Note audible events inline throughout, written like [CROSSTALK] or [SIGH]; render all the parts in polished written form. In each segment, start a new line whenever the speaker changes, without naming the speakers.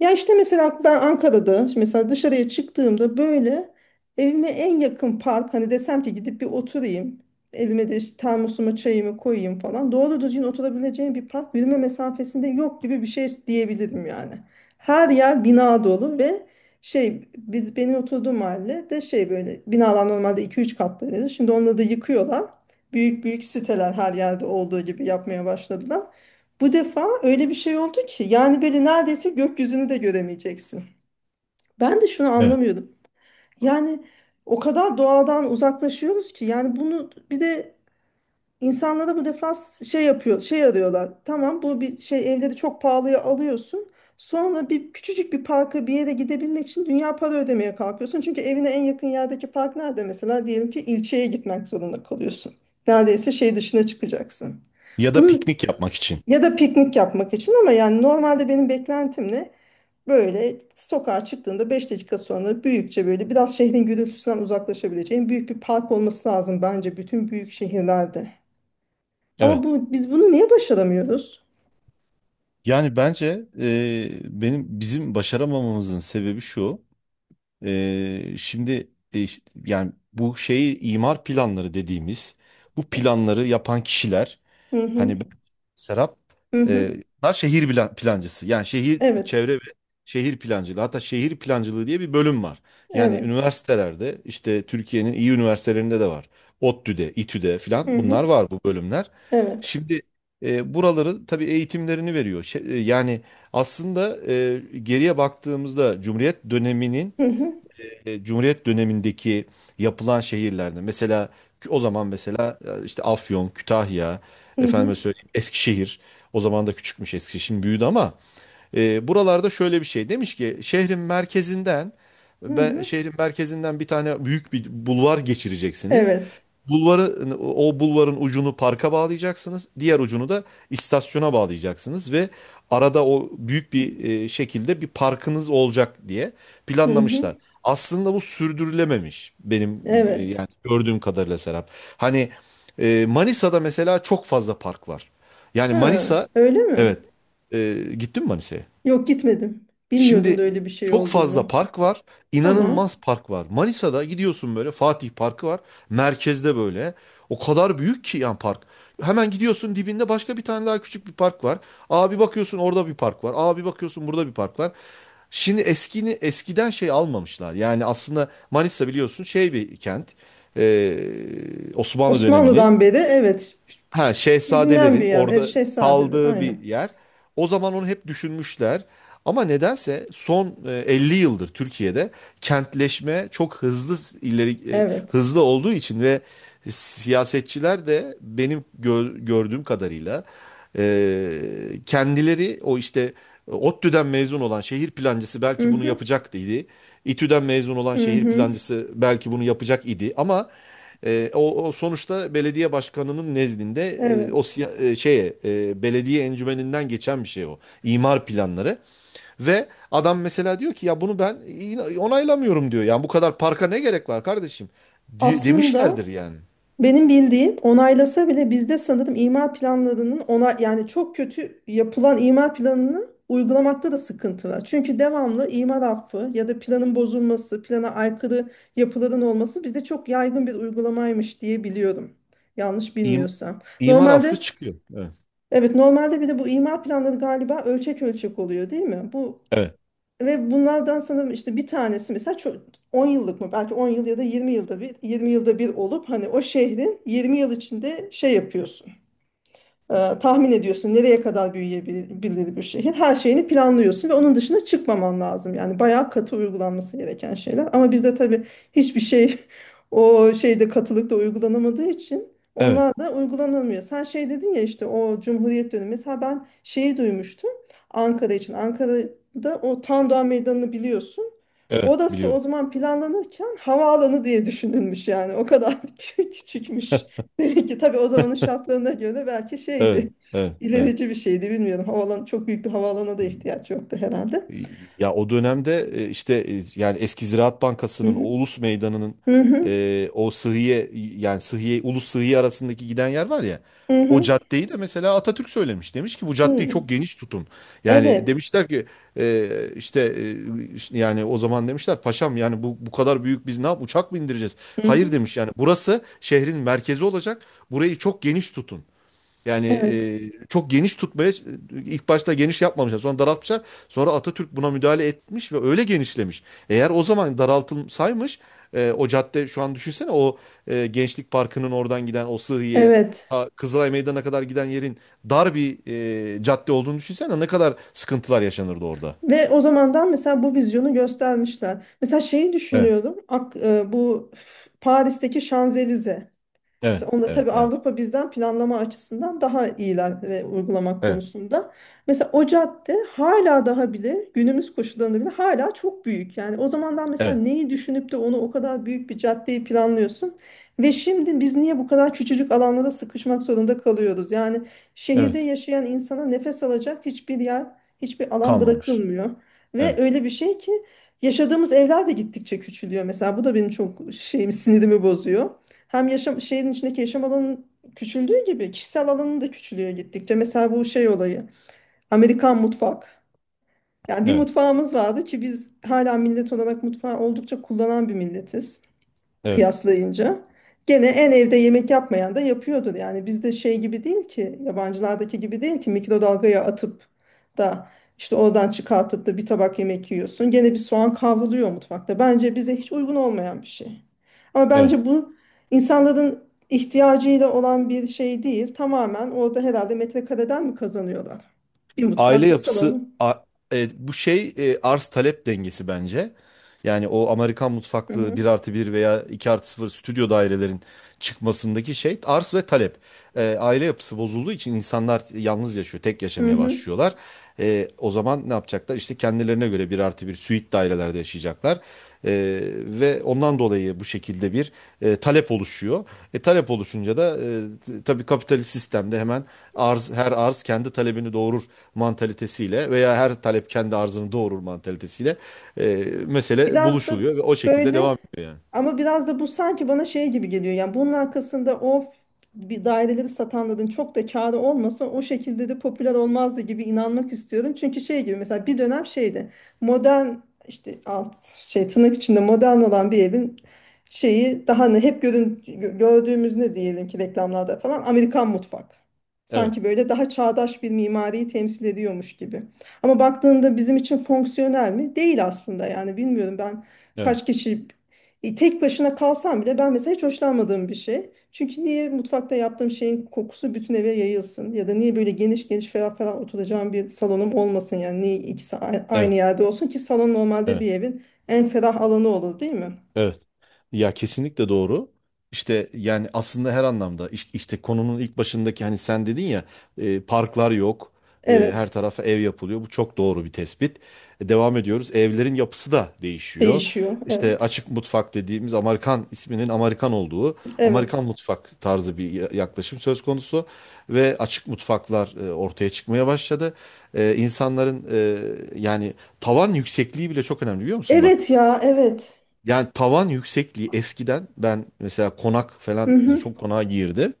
Ya işte mesela ben Ankara'da şimdi mesela dışarıya çıktığımda böyle evime en yakın park hani desem ki gidip bir oturayım. Elime de işte termosuma çayımı koyayım falan. Doğru düzgün oturabileceğim bir park yürüme mesafesinde yok gibi bir şey diyebilirim yani. Her yer bina dolu ve biz benim oturduğum mahalle de böyle binalar normalde iki üç katlıydı. Şimdi onları da yıkıyorlar. Büyük büyük siteler her yerde olduğu gibi yapmaya başladılar. Bu defa öyle bir şey oldu ki yani böyle neredeyse gökyüzünü de göremeyeceksin. Ben de şunu
Evet.
anlamıyordum. Yani o kadar doğadan uzaklaşıyoruz ki yani bunu bir de insanlara bu defa şey yapıyor, şey arıyorlar. Tamam bu bir şey, evleri çok pahalıya alıyorsun. Sonra bir küçücük bir parka bir yere gidebilmek için dünya para ödemeye kalkıyorsun. Çünkü evine en yakın yerdeki park nerede mesela, diyelim ki ilçeye gitmek zorunda kalıyorsun. Neredeyse şey dışına çıkacaksın.
Ya da
Bunun
piknik yapmak için.
ya da piknik yapmak için, ama yani normalde benim beklentim ne? Böyle sokağa çıktığında 5 dakika sonra büyükçe, böyle biraz şehrin gürültüsünden uzaklaşabileceğin büyük bir park olması lazım bence bütün büyük şehirlerde. Ama
Evet.
bu, biz bunu niye başaramıyoruz?
Yani bence bizim başaramamamızın sebebi şu. Şimdi işte yani bu şeyi imar planları dediğimiz bu
Evet.
planları yapan kişiler.
Hı hı.
Hani ben- Serap,
Hı
e,
hı.
bunlar şehir plancısı. Yani şehir
Evet.
çevre ve şehir plancılığı. Hatta şehir plancılığı diye bir bölüm var. Yani
Evet.
üniversitelerde işte Türkiye'nin iyi üniversitelerinde de var. ODTÜ'de, İTÜ'de
Hı
filan
hı.
bunlar var bu bölümler.
Evet.
Şimdi buraları tabii eğitimlerini veriyor. Yani aslında geriye baktığımızda
Hı hı.
Cumhuriyet dönemindeki yapılan şehirlerde mesela o zaman mesela işte Afyon, Kütahya,
Hı hı.
efendime söyleyeyim Eskişehir, o zaman da küçükmüş Eskişehir, şimdi büyüdü ama buralarda şöyle bir şey demiş ki şehrin merkezinden
Hı
ben
hı.
şehrin merkezinden bir tane büyük bir bulvar geçireceksiniz.
Evet.
O bulvarın ucunu parka bağlayacaksınız. Diğer ucunu da istasyona bağlayacaksınız ve arada o büyük bir şekilde bir parkınız olacak diye
Hı hı.
planlamışlar. Aslında bu sürdürülememiş benim
Evet.
yani gördüğüm kadarıyla Serap. Hani Manisa'da mesela çok fazla park var. Yani
Ha,
Manisa,
öyle mi?
evet, gittin mi Manisa'ya?
Yok, gitmedim. Bilmiyordum da
Şimdi
öyle bir şey
çok fazla
olduğunu.
park var.
Tamam.
İnanılmaz park var. Manisa'da gidiyorsun, böyle Fatih Parkı var. Merkezde böyle. O kadar büyük ki yani park. Hemen gidiyorsun, dibinde başka bir tane daha küçük bir park var. Abi bakıyorsun orada bir park var. Abi bakıyorsun burada bir park var. Şimdi eskiden şey almamışlar. Yani aslında Manisa, biliyorsun, şey, bir kent. Ee, Osmanlı
Osmanlı'dan
döneminin.
beri, evet,
Ha,
bilinen bir
şehzadelerin
yer. Ev
orada
Şehzade'dir
kaldığı bir
aynen.
yer. O zaman onu hep düşünmüşler. Ama nedense son 50 yıldır Türkiye'de kentleşme çok hızlı
Evet.
hızlı olduğu için ve siyasetçiler de benim gördüğüm kadarıyla e, kendileri, o işte ODTÜ'den mezun olan şehir plancısı
Hı
belki bunu
hı,
yapacak idi, İTÜ'den mezun olan
hı
şehir
hı,
plancısı belki bunu yapacak idi, ama o sonuçta belediye başkanının nezdinde, e, o
evet.
siya- e, şeye e, belediye encümeninden geçen bir şey o. İmar planları ve adam mesela diyor ki ya bunu ben onaylamıyorum diyor. Yani bu kadar parka ne gerek var kardeşim? Di-
Aslında
demişlerdir yani.
benim bildiğim, onaylasa bile bizde sanırım imar planlarının ona yani, çok kötü yapılan imar planını uygulamakta da sıkıntı var. Çünkü devamlı imar affı ya da planın bozulması, plana aykırı yapıların olması bizde çok yaygın bir uygulamaymış diye biliyorum. Yanlış
İm,
bilmiyorsam.
imar affı
Normalde
çıkıyor. Evet.
Evet, normalde bir de bu imar planları galiba ölçek ölçek oluyor değil mi? Bu
Evet.
ve bunlardan sanırım işte bir tanesi mesela çok 10 yıllık mı, belki 10 yıl ya da 20 yılda bir, olup hani o şehrin 20 yıl içinde şey yapıyorsun, tahmin ediyorsun nereye kadar büyüyebilir bir şehir. Her şeyini planlıyorsun ve onun dışına çıkmaman lazım. Yani bayağı katı uygulanması gereken şeyler. Ama bizde tabii hiçbir şey [LAUGHS] o şeyde, katılıkta uygulanamadığı için
Evet.
onlar da uygulanamıyor. Sen şey dedin ya, işte o Cumhuriyet dönemi. Mesela ben şeyi duymuştum Ankara için. Ankara'da o Tandoğan Meydanı'nı biliyorsun.
Evet.
Orası o
Biliyorum.
zaman planlanırken havaalanı diye düşünülmüş yani. O kadar [LAUGHS] küçükmüş. Demek ki tabii o zamanın şartlarına göre belki
Evet.
şeydi,
Evet. Evet.
ilerici bir şeydi, bilmiyorum. Havalan, çok büyük bir havaalanına da ihtiyaç yoktu herhalde.
Ya o dönemde, yani eski Ziraat
Hı
Bankası'nın, o
hı.
Ulus Meydanı'nın,
Hı hı.
e, o Sıhhiye yani Sıhhiye, Ulus, Sıhhiye arasındaki giden yer var ya,
Hı
o
hı.
caddeyi de mesela Atatürk söylemiş. Demiş ki bu caddeyi
Hı.
çok geniş tutun. Yani
Evet.
demişler ki e, işte e, işte yani o zaman demişler paşam, yani bu kadar büyük biz ne uçak mı indireceğiz?
Hı
Hayır
hı.
demiş, yani burası şehrin merkezi olacak. Burayı çok geniş tutun. Yani
Evet.
e, çok geniş tutmaya ilk başta geniş yapmamışlar. Sonra daraltmışlar. Sonra Atatürk buna müdahale etmiş ve öyle genişlemiş. Eğer o zaman daraltılsaymış, o cadde şu an düşünsene, o Gençlik Parkı'nın oradan giden o Sıhhiye,
Evet.
ta Kızılay Meydanı'na kadar giden yerin dar bir cadde olduğunu düşünsene, ne kadar sıkıntılar yaşanırdı orada.
Ve o zamandan mesela bu vizyonu göstermişler. Mesela şeyi
Evet,
düşünüyorum. Paris'teki Şanzelize.
evet,
Mesela onda
evet,
tabii
evet,
Avrupa bizden planlama açısından daha iyiler ve uygulamak
evet,
konusunda. Mesela o cadde hala daha bile, günümüz koşullarında bile hala çok büyük. Yani o zamandan mesela
evet,
neyi düşünüp de onu, o kadar büyük bir caddeyi planlıyorsun? Ve şimdi biz niye bu kadar küçücük alanlara sıkışmak zorunda kalıyoruz? Yani şehirde
evet.
yaşayan insana nefes alacak hiçbir yer, hiçbir alan
Kalmamış.
bırakılmıyor. Ve
Evet,
öyle bir şey ki yaşadığımız evler de gittikçe küçülüyor. Mesela bu da benim çok şeyimi, sinirimi bozuyor. Hem yaşam, şehrin içindeki yaşam alanının küçüldüğü gibi kişisel alanın da küçülüyor gittikçe. Mesela bu şey olayı. Amerikan mutfak. Yani bir
evet,
mutfağımız vardı ki, biz hala millet olarak mutfağı oldukça kullanan bir milletiz
evet,
kıyaslayınca. Gene en evde yemek yapmayan da yapıyordur. Yani bizde şey gibi değil ki, yabancılardaki gibi değil ki mikrodalgaya atıp da işte oradan çıkartıp da bir tabak yemek yiyorsun. Gene bir soğan kavruluyor mutfakta. Bence bize hiç uygun olmayan bir şey. Ama
evet.
bence bu insanların ihtiyacıyla olan bir şey değil. Tamamen orada herhalde metrekareden mi kazanıyorlar? Bir
aile
mutfakla
yapısı
salonu.
a- e, bu şey e, arz talep dengesi bence. Yani o Amerikan
Hı
mutfaklı bir
hı.
artı bir veya 2 artı sıfır stüdyo dairelerin çıkmasındaki şey, arz ve talep. Aile yapısı bozulduğu için insanlar yalnız yaşıyor, tek
Hı
yaşamaya
hı.
başlıyorlar. O zaman ne yapacaklar? İşte kendilerine göre bir artı bir süit dairelerde yaşayacaklar. E, Ve ondan dolayı bu şekilde bir talep oluşuyor. Talep oluşunca da tabii kapitalist sistemde hemen arz, her arz kendi talebini doğurur mantalitesiyle veya her talep kendi arzını doğurur mantalitesiyle mesele
Biraz da
buluşuluyor ve o şekilde devam
böyle
ediyor yani.
Ama biraz da bu sanki bana şey gibi geliyor. Yani bunun arkasında o bir daireleri satanların çok da kârı olmasa o şekilde de popüler olmazdı gibi inanmak istiyorum. Çünkü şey gibi mesela bir dönem şeydi. Modern, işte alt, şey, tırnak içinde modern olan bir evin şeyi daha ne hep gördüğümüz, ne diyelim ki reklamlarda falan, Amerikan mutfak.
Evet,
Sanki böyle daha çağdaş bir mimariyi temsil ediyormuş gibi. Ama baktığında bizim için fonksiyonel mi? Değil aslında, yani bilmiyorum ben
evet,
kaç kişi, tek başına kalsam bile ben mesela hiç hoşlanmadığım bir şey. Çünkü niye mutfakta yaptığım şeyin kokusu bütün eve yayılsın? Ya da niye böyle geniş geniş, ferah ferah oturacağım bir salonum olmasın? Yani niye ikisi aynı
evet,
yerde olsun ki, salon normalde bir
evet.
evin en ferah alanı olur değil mi?
Evet. Ya kesinlikle doğru. İşte yani aslında her anlamda işte konunun ilk başındaki hani sen dedin ya, parklar yok. Her
Evet.
tarafa ev yapılıyor. Bu çok doğru bir tespit. Devam ediyoruz. Evlerin yapısı da değişiyor.
Değişiyor.
İşte
Evet.
açık mutfak dediğimiz, Amerikan isminin Amerikan olduğu
Evet.
Amerikan mutfak tarzı bir yaklaşım söz konusu ve açık mutfaklar ortaya çıkmaya başladı. İnsanların yani tavan yüksekliği bile çok önemli, biliyor musun bak?
Evet ya, evet.
Yani tavan yüksekliği eskiden, ben mesela konak
Hı
falan, mesela
hı.
çok konağa girdim.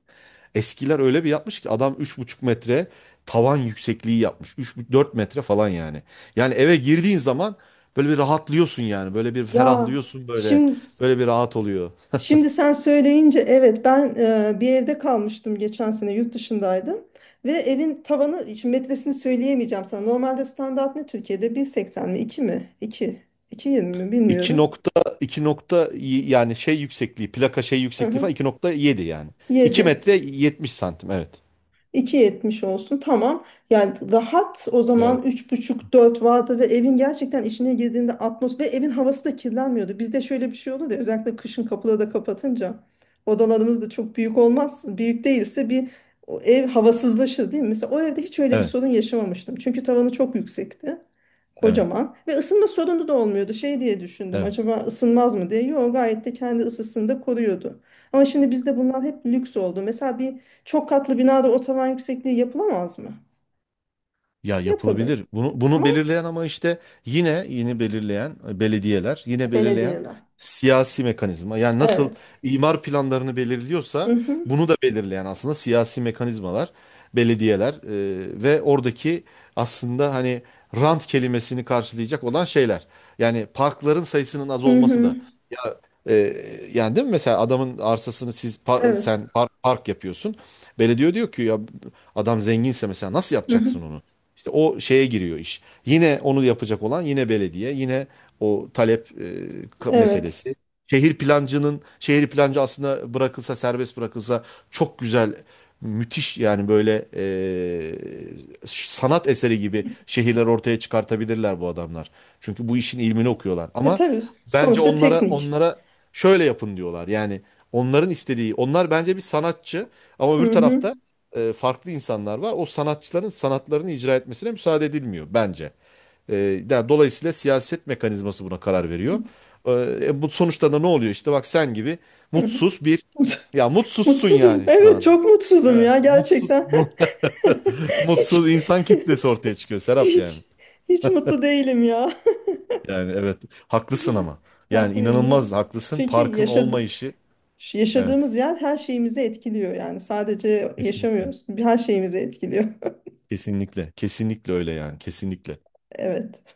Eskiler öyle bir yapmış ki adam 3,5 metre tavan yüksekliği yapmış. 3 dört metre falan yani. Yani eve girdiğin zaman böyle bir rahatlıyorsun yani. Böyle bir
Ya
ferahlıyorsun böyle.
şimdi
Böyle bir rahat oluyor.
Şimdi sen söyleyince, evet, ben bir evde kalmıştım, geçen sene yurt dışındaydım ve evin tavanı, şimdi metresini söyleyemeyeceğim sana. Normalde standart ne Türkiye'de, bir seksen mi, 2 mi, iki iki yirmi mi,
2
bilmiyorum.
nokta 2 nokta yani şey yüksekliği, plaka şey
Hı
yüksekliği
hı.
falan 2,7 yani. 2
7.
metre 70 santim, evet.
iki yetmiş olsun, tamam. Yani rahat, o zaman
Yani,
üç buçuk dört vardı ve evin gerçekten içine girdiğinde atmos, ve evin havası da kirlenmiyordu. Bizde şöyle bir şey olur ya, özellikle kışın kapıları da kapatınca odalarımız da çok büyük olmaz. Büyük değilse bir, o ev havasızlaşır değil mi? Mesela o evde hiç öyle bir
Evet.
sorun yaşamamıştım. Çünkü tavanı çok yüksekti.
Evet.
Kocaman. Ve ısınma sorunu da olmuyordu. Şey diye düşündüm,
Evet.
acaba ısınmaz mı diye. Yok, gayet de kendi ısısını da koruyordu. Ama şimdi bizde bunlar hep lüks oldu. Mesela bir çok katlı binada o tavan yüksekliği yapılamaz mı?
Ya
Yapılır.
yapılabilir. Bunu
Ama
belirleyen ama işte yine belirleyen belediyeler, yine belirleyen
belediyeden.
siyasi mekanizma. Yani nasıl
Evet.
imar planlarını
Hı
belirliyorsa,
hı.
bunu da belirleyen aslında siyasi mekanizmalar, belediyeler ve oradaki aslında hani rant kelimesini karşılayacak olan şeyler. Yani parkların sayısının az
Hı
olması
hı.
da, ee, yani değil mi, mesela adamın arsasını siz pa-
Evet.
sen par- park yapıyorsun. Belediye diyor ki ya adam zenginse mesela nasıl
Hı hı.
yapacaksın onu? İşte o şeye giriyor iş. Yine onu yapacak olan yine belediye, yine o talep,
Evet.
meselesi. Şehir plancı aslında serbest bırakılsa çok güzel, müthiş yani, böyle sanat eseri gibi şehirler ortaya çıkartabilirler bu adamlar. Çünkü bu işin ilmini okuyorlar.
E
Ama
tabii,
bence
sonuçta
onlara
teknik.
onlara şöyle yapın diyorlar. Yani onların istediği, onlar bence bir sanatçı, ama öbür
Hı hı.
tarafta farklı insanlar var. O sanatçıların sanatlarını icra etmesine müsaade edilmiyor bence. E, Yani dolayısıyla siyaset mekanizması buna karar veriyor. Ee, Bu sonuçta da ne oluyor? İşte bak, sen gibi
Hı hı.
mutsuz bir,
Mut-
ya, mutsuzsun
Mutsuzum.
yani şu
Evet,
an.
çok mutsuzum
Evet.
ya,
Mutsuz,
gerçekten.
[LAUGHS]
[LAUGHS] Hiç
mutsuz insan kitlesi ortaya çıkıyor
[LAUGHS]
Serap yani.
hiç hiç mutlu değilim ya.
Yani evet, haklısın
[LAUGHS]
ama. Yani
Haklıyım değil mi?
inanılmaz haklısın.
Çünkü
Parkın olmayışı, evet,
yaşadığımız yer her şeyimizi etkiliyor yani. Sadece
kesinlikle.
yaşamıyoruz. Her şeyimizi etkiliyor.
Kesinlikle. Kesinlikle öyle yani. Kesinlikle.
Evet.